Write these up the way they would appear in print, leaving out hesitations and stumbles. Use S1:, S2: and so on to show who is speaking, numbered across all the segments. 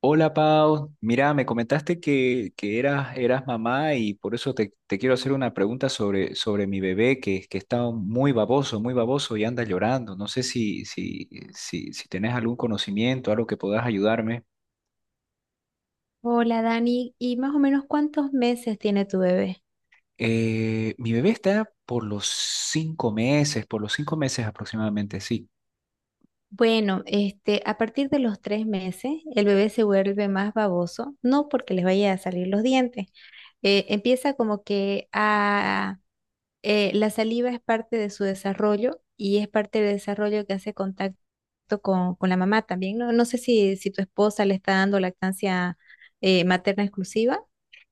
S1: Hola Pau, mira, me comentaste que eras mamá y por eso te quiero hacer una pregunta sobre mi bebé que está muy baboso y anda llorando. No sé si tenés algún conocimiento, algo que puedas ayudarme.
S2: Hola Dani, ¿y más o menos cuántos meses tiene tu bebé?
S1: Mi bebé está por los cinco meses aproximadamente, sí.
S2: Bueno, a partir de los 3 meses, el bebé se vuelve más baboso, no porque les vaya a salir los dientes. Empieza como que a, La saliva es parte de su desarrollo y es parte del desarrollo que hace contacto con la mamá también. No, no sé si tu esposa le está dando lactancia materna exclusiva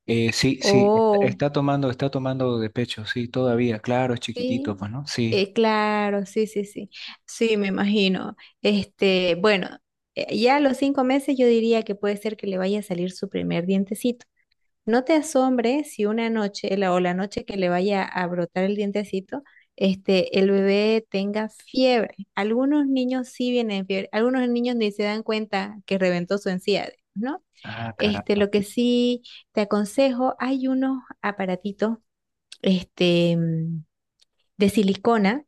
S1: Sí, sí, está,
S2: o...
S1: está tomando, está tomando de pecho, sí, todavía, claro, es chiquitito,
S2: sí,
S1: pues, ¿no? Sí.
S2: Claro, sí, sí, sí. Sí, me imagino. Bueno, ya a los 5 meses yo diría que puede ser que le vaya a salir su primer dientecito. No te asombres si una noche la, o la noche que le vaya a brotar el dientecito, el bebé tenga fiebre. Algunos niños sí vienen fiebre, algunos niños ni se dan cuenta que reventó su encía, ¿no?
S1: Ah, caramba.
S2: Lo que sí te aconsejo, hay unos aparatitos, este, de silicona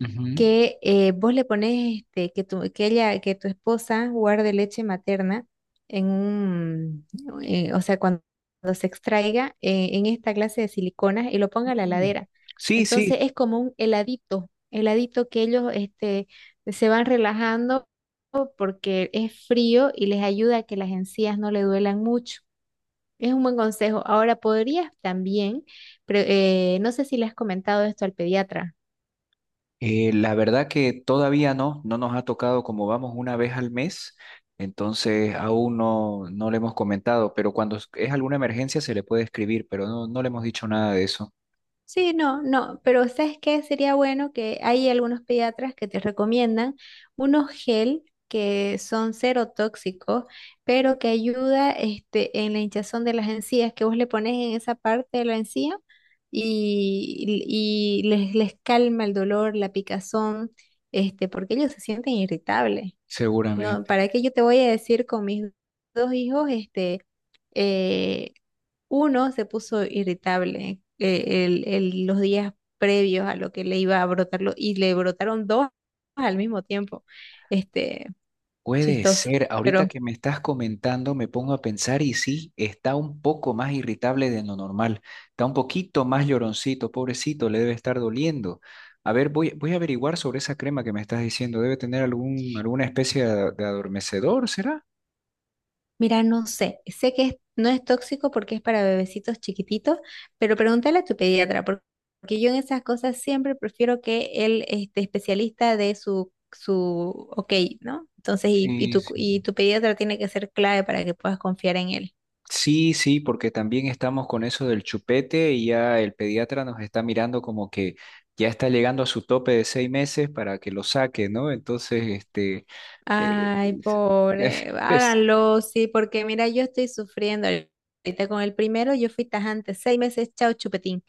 S1: Ujú.
S2: que vos le pones que tu esposa guarde leche materna en un, o sea, cuando se extraiga en esta clase de siliconas y lo ponga a la
S1: Mm.
S2: heladera.
S1: Sí,
S2: Entonces
S1: sí.
S2: es como un heladito, heladito que ellos se van relajando porque es frío y les ayuda a que las encías no le duelan mucho. Es un buen consejo. Ahora podrías también, pero, no sé si le has comentado esto al pediatra.
S1: La verdad que todavía no, no nos ha tocado como vamos una vez al mes, entonces aún no, no le hemos comentado, pero cuando es alguna emergencia se le puede escribir, pero no, no le hemos dicho nada de eso.
S2: Sí, no, no, pero ¿sabes qué? Sería bueno que hay algunos pediatras que te recomiendan unos gel que son cero tóxicos, pero que ayuda en la hinchazón de las encías, que vos le pones en esa parte de la encía y les calma el dolor, la picazón, porque ellos se sienten irritables. No,
S1: Seguramente.
S2: ¿para qué yo te voy a decir con mis dos hijos, eh. Uno se puso irritable los días previos a lo que le iba a brotarlo y le brotaron dos al mismo tiempo. Este,
S1: Puede
S2: Chistoso.
S1: ser,
S2: Pero
S1: ahorita que me estás comentando me pongo a pensar y sí, está un poco más irritable de lo normal, está un poquito más lloroncito, pobrecito, le debe estar doliendo. A ver, voy a averiguar sobre esa crema que me estás diciendo, debe tener alguna especie de adormecedor, ¿será?
S2: mira, no sé, sé que no es tóxico porque es para bebecitos chiquititos, pero pregúntale a tu pediatra porque yo en esas cosas siempre prefiero que el especialista de su ok, ¿no? Entonces,
S1: Sí, sí.
S2: y tu pediatra tiene que ser clave para que puedas confiar en él.
S1: Sí, sí, porque también estamos con eso del chupete y ya el pediatra nos está mirando como que ya está llegando a su tope de 6 meses para que lo saque, ¿no? Entonces, este. eh,
S2: Ay,
S1: es- es-
S2: pobre,
S1: es-
S2: háganlo, sí, porque mira, yo estoy sufriendo ahorita con el primero, yo fui tajante, 6 meses, chao chupetín,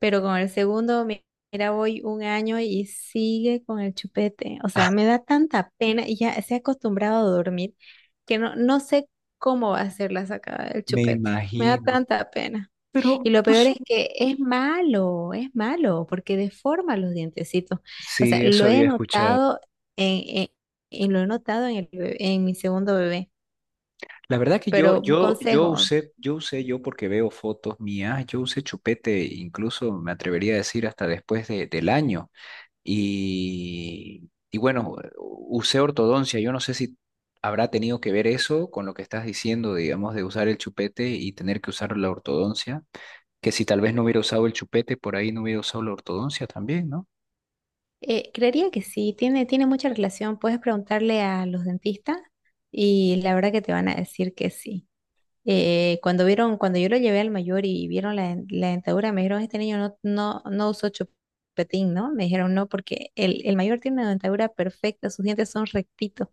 S2: pero con el segundo, mira, voy un año y sigue con el chupete, o
S1: ah,
S2: sea, me da tanta pena y ya se ha acostumbrado a dormir que no, no sé cómo va a ser la sacada del
S1: me
S2: chupete, me da
S1: imagino.
S2: tanta pena. Y
S1: Pero
S2: lo
S1: no
S2: peor
S1: sé.
S2: es que es malo, porque deforma los dientecitos. O sea,
S1: Sí, eso
S2: lo he
S1: había escuchado.
S2: notado en, en mi segundo bebé.
S1: La verdad que
S2: Pero un consejo,
S1: yo porque veo fotos mías, yo usé chupete, incluso me atrevería a decir hasta después del año. Y bueno, usé ortodoncia. Yo no sé si habrá tenido que ver eso con lo que estás diciendo, digamos, de usar el chupete y tener que usar la ortodoncia. Que si tal vez no hubiera usado el chupete, por ahí no hubiera usado la ortodoncia también, ¿no?
S2: creería que sí, tiene mucha relación. Puedes preguntarle a los dentistas y la verdad que te van a decir que sí. Cuando yo lo llevé al mayor y vieron la dentadura, me dijeron, este niño no, no, no usó chupetín, ¿no? Me dijeron no, porque el mayor tiene una dentadura perfecta, sus dientes son rectitos.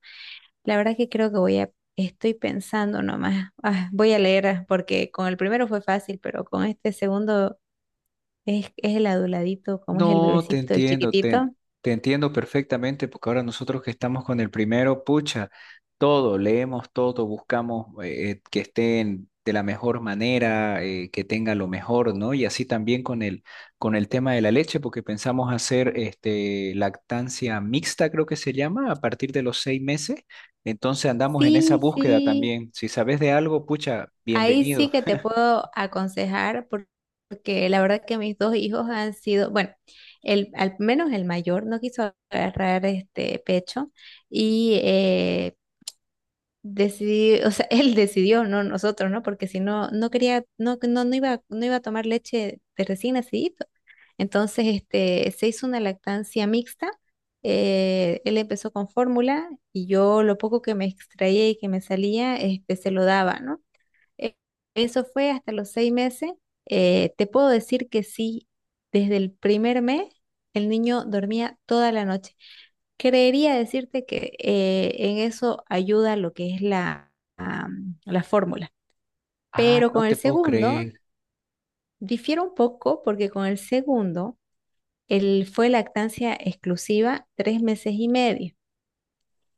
S2: La verdad que creo que estoy pensando nomás, ah, voy a leer ah, porque con el primero fue fácil, pero con este segundo es el aduladito, como es el
S1: No, te
S2: bebecito, el
S1: entiendo, te,
S2: chiquitito.
S1: te entiendo perfectamente, porque ahora nosotros que estamos con el primero, pucha, todo, leemos todo, buscamos que estén de la mejor manera, que tenga lo mejor, ¿no? Y así también con el, tema de la leche, porque pensamos hacer este, lactancia mixta, creo que se llama, a partir de los 6 meses. Entonces andamos en esa
S2: Sí,
S1: búsqueda
S2: sí,
S1: también. Si sabes de algo, pucha,
S2: ahí
S1: bienvenido.
S2: sí que te puedo aconsejar porque la verdad que mis dos hijos han sido, bueno, al menos el mayor no quiso agarrar este pecho y decidí, o sea, él decidió, no nosotros, ¿no? Porque si no, no quería, no, no, no iba a tomar leche de recién nacidito. Entonces, se hizo una lactancia mixta. Él empezó con fórmula y yo lo poco que me extraía y que me salía, se lo daba, ¿no? E- Eso fue hasta los 6 meses. Te puedo decir que sí, desde el primer mes el niño dormía toda la noche. Creería decirte que en eso ayuda lo que es la fórmula.
S1: Ah,
S2: Pero
S1: no
S2: con
S1: te
S2: el
S1: puedo
S2: segundo,
S1: creer.
S2: difiere un poco porque con el segundo, él fue lactancia exclusiva 3 meses y medio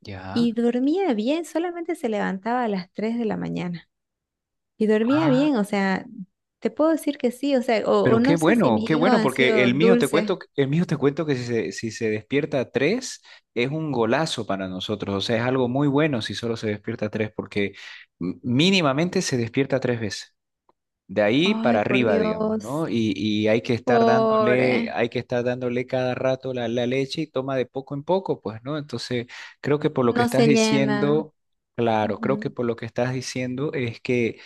S1: Ya.
S2: y dormía bien, solamente se levantaba a las 3 de la mañana. Y dormía
S1: Ah.
S2: bien, o sea, te puedo decir que sí, o sea, o
S1: Pero
S2: no sé si mis
S1: qué
S2: hijos
S1: bueno,
S2: han
S1: porque
S2: sido
S1: el mío te cuento,
S2: dulces.
S1: el mío te cuento que si se despierta a tres, es un golazo para nosotros. O sea, es algo muy bueno si solo se despierta a tres, porque mínimamente se despierta tres veces. De ahí
S2: Ay,
S1: para
S2: por
S1: arriba, digamos, ¿no?
S2: Dios,
S1: Y hay que estar dándole,
S2: pobre,
S1: hay que estar dándole cada rato la leche y toma de poco en poco, pues, ¿no? Entonces, creo que por lo que
S2: no
S1: estás
S2: se llena.
S1: diciendo, claro, creo que
S2: Ujú.
S1: por lo que estás diciendo es que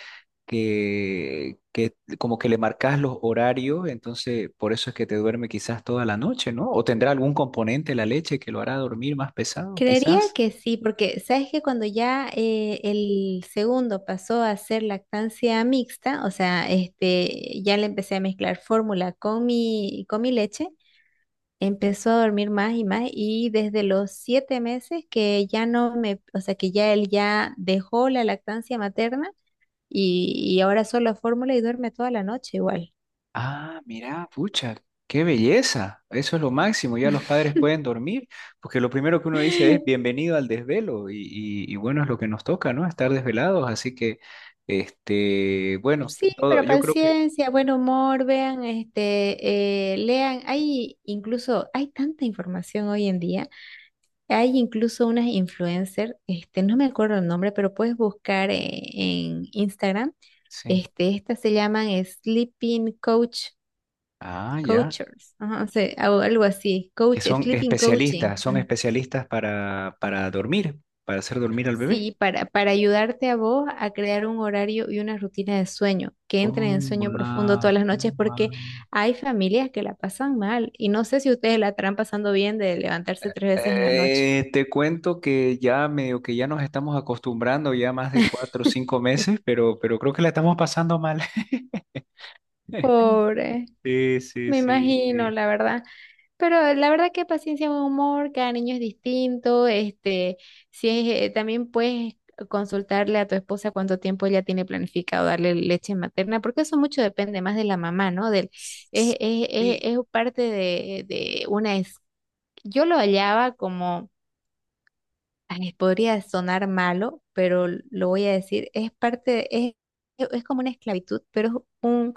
S1: que, que como que le marcas los horarios, entonces por eso es que te duerme quizás toda la noche, ¿no? O tendrá algún componente la leche que lo hará dormir más pesado,
S2: Creería
S1: quizás.
S2: que sí, porque sabes que cuando ya el segundo pasó a ser lactancia mixta, o sea, ya le empecé a mezclar fórmula con mi leche, empezó a dormir más y más y desde los 7 meses que ya no me, o sea, que ya él ya dejó la lactancia materna y ahora solo fórmula y duerme toda la noche igual.
S1: Ah, mira, pucha, qué belleza. Eso es lo máximo. Ya los padres pueden dormir, porque lo primero que uno dice es bienvenido al desvelo y bueno, es lo que nos toca, ¿no? Estar desvelados. Así que, este, bueno,
S2: Sí,
S1: todo,
S2: pero
S1: yo creo que
S2: paciencia, buen humor, vean, lean, hay incluso, hay tanta información hoy en día, hay incluso unas influencers, no me acuerdo el nombre, pero puedes buscar en Instagram,
S1: sí.
S2: estas se llaman Sleeping Coach
S1: Ah, ya.
S2: Coachers, ajá, o sea, o algo así,
S1: Que
S2: coach,
S1: son
S2: sleeping coaching,
S1: especialistas, son
S2: ah,
S1: especialistas para dormir, para hacer dormir al bebé.
S2: sí, para ayudarte a vos a crear un horario y una rutina de sueño, que
S1: Oh,
S2: entren en sueño profundo
S1: wow,
S2: todas las noches, porque
S1: wow.
S2: hay familias que la pasan mal y no sé si ustedes la estarán pasando bien de levantarse 3 veces en la noche.
S1: Te cuento que ya medio que ya nos estamos acostumbrando ya más de 4 o 5 meses, pero creo que la estamos pasando mal.
S2: Pobre,
S1: Sí, sí,
S2: me
S1: sí,
S2: imagino,
S1: sí.
S2: la verdad. Pero la verdad que paciencia, buen humor, cada niño es distinto. Este, si es, También puedes consultarle a tu esposa cuánto tiempo ella tiene planificado darle leche materna, porque eso mucho depende más de la mamá, ¿no? Del, es-
S1: Sí,
S2: Es parte de, una. Yo lo hallaba como ay, podría sonar malo, pero lo voy a decir, es parte, es como una esclavitud, pero es un,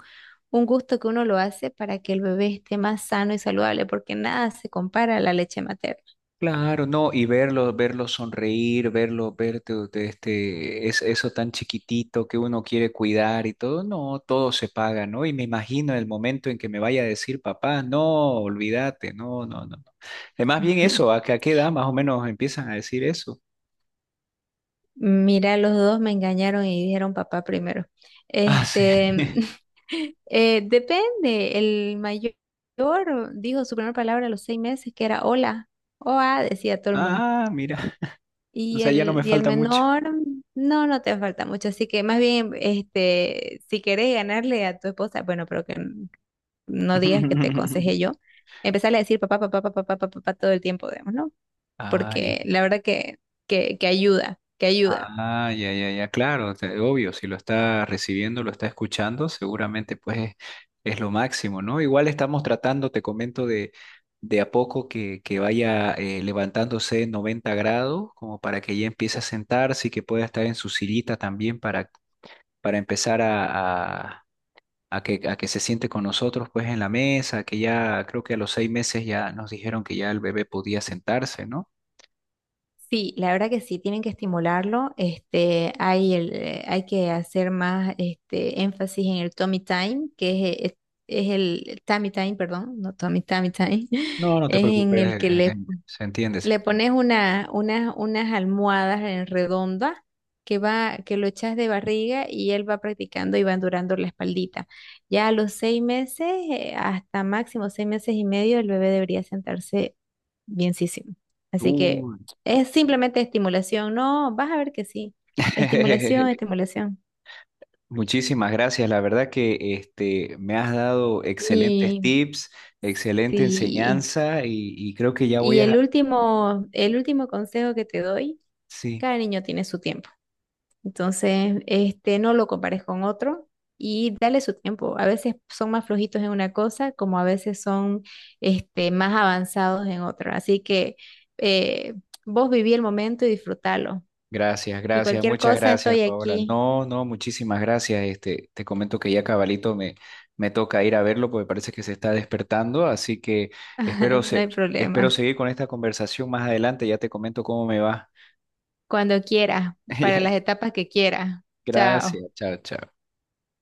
S2: un gusto que uno lo hace para que el bebé esté más sano y saludable, porque nada se compara a la leche materna.
S1: claro, no, y verlo sonreír, verte de este, es eso tan chiquitito que uno quiere cuidar y todo, no, todo se paga, ¿no? Y me imagino el momento en que me vaya a decir, papá, no, olvídate, no, no, no. no". Más bien
S2: Ujú.
S1: eso, ¿a qué edad más o menos empiezan a decir eso?
S2: Mira, los dos me engañaron y dijeron papá primero.
S1: Ah, sí.
S2: Este, depende, el mayor dijo su primera palabra a los 6 meses, que era hola, oa, decía todo el mundo.
S1: Ah, mira, o
S2: Y
S1: sea, ya no
S2: el,
S1: me
S2: y el
S1: falta mucho.
S2: menor, no, no te falta mucho. Así que más bien, si querés ganarle a tu esposa, bueno, pero que no digas que te aconsejé yo, empezarle a decir papá, papá, papá, papá, papá, papá todo el tiempo, digamos, ¿no?
S1: Ay.
S2: Porque la verdad que, que ayuda, que ayuda.
S1: Ah, ya, ya, ya, claro, obvio, si lo está recibiendo, lo está escuchando, seguramente pues es lo máximo, ¿no? Igual estamos tratando, te comento, de a poco que vaya levantándose en 90°, como para que ya empiece a sentarse y que pueda estar en su sillita también para empezar a que se siente con nosotros pues en la mesa, que ya creo que a los 6 meses ya nos dijeron que ya el bebé podía sentarse, ¿no?
S2: Sí, la verdad que sí, tienen que estimularlo. Hay que hacer más este énfasis en el tummy time, que es el tummy time, perdón, no tummy, tummy time
S1: No, no te
S2: es en
S1: preocupes,
S2: el que le
S1: se entiende, se
S2: Le
S1: entiende.
S2: pones unas almohadas en redonda que va, que lo echas de barriga y él va practicando y va durando la espaldita. Ya a los 6 meses, hasta máximo 6 meses y medio, el bebé debería sentarse bienísimo. Así que es simplemente estimulación. No, vas a ver que sí. Estimulación, estimulación.
S1: Muchísimas gracias. La verdad que este, me has dado
S2: Mi,
S1: excelentes tips, excelente
S2: sí.
S1: enseñanza y creo que ya voy
S2: Y
S1: a...
S2: el último consejo que te doy,
S1: Sí,
S2: cada niño tiene su tiempo. Entonces, no lo compares con otro y dale su tiempo. A veces son más flojitos en una cosa, como a veces son, más avanzados en otra. Así que eh, vos viví el momento y disfrútalo.
S1: gracias,
S2: Y
S1: gracias,
S2: cualquier
S1: muchas
S2: cosa,
S1: gracias,
S2: estoy
S1: Paola.
S2: aquí.
S1: No, no, muchísimas gracias. Este, te comento que ya cabalito me toca ir a verlo porque parece que se está despertando, así que espero,
S2: No hay
S1: se, espero
S2: problema.
S1: seguir con esta conversación más adelante. Ya te comento cómo me va.
S2: Cuando quieras, para
S1: Ya,
S2: las etapas que quieras. Chao.
S1: gracias, chao, chao.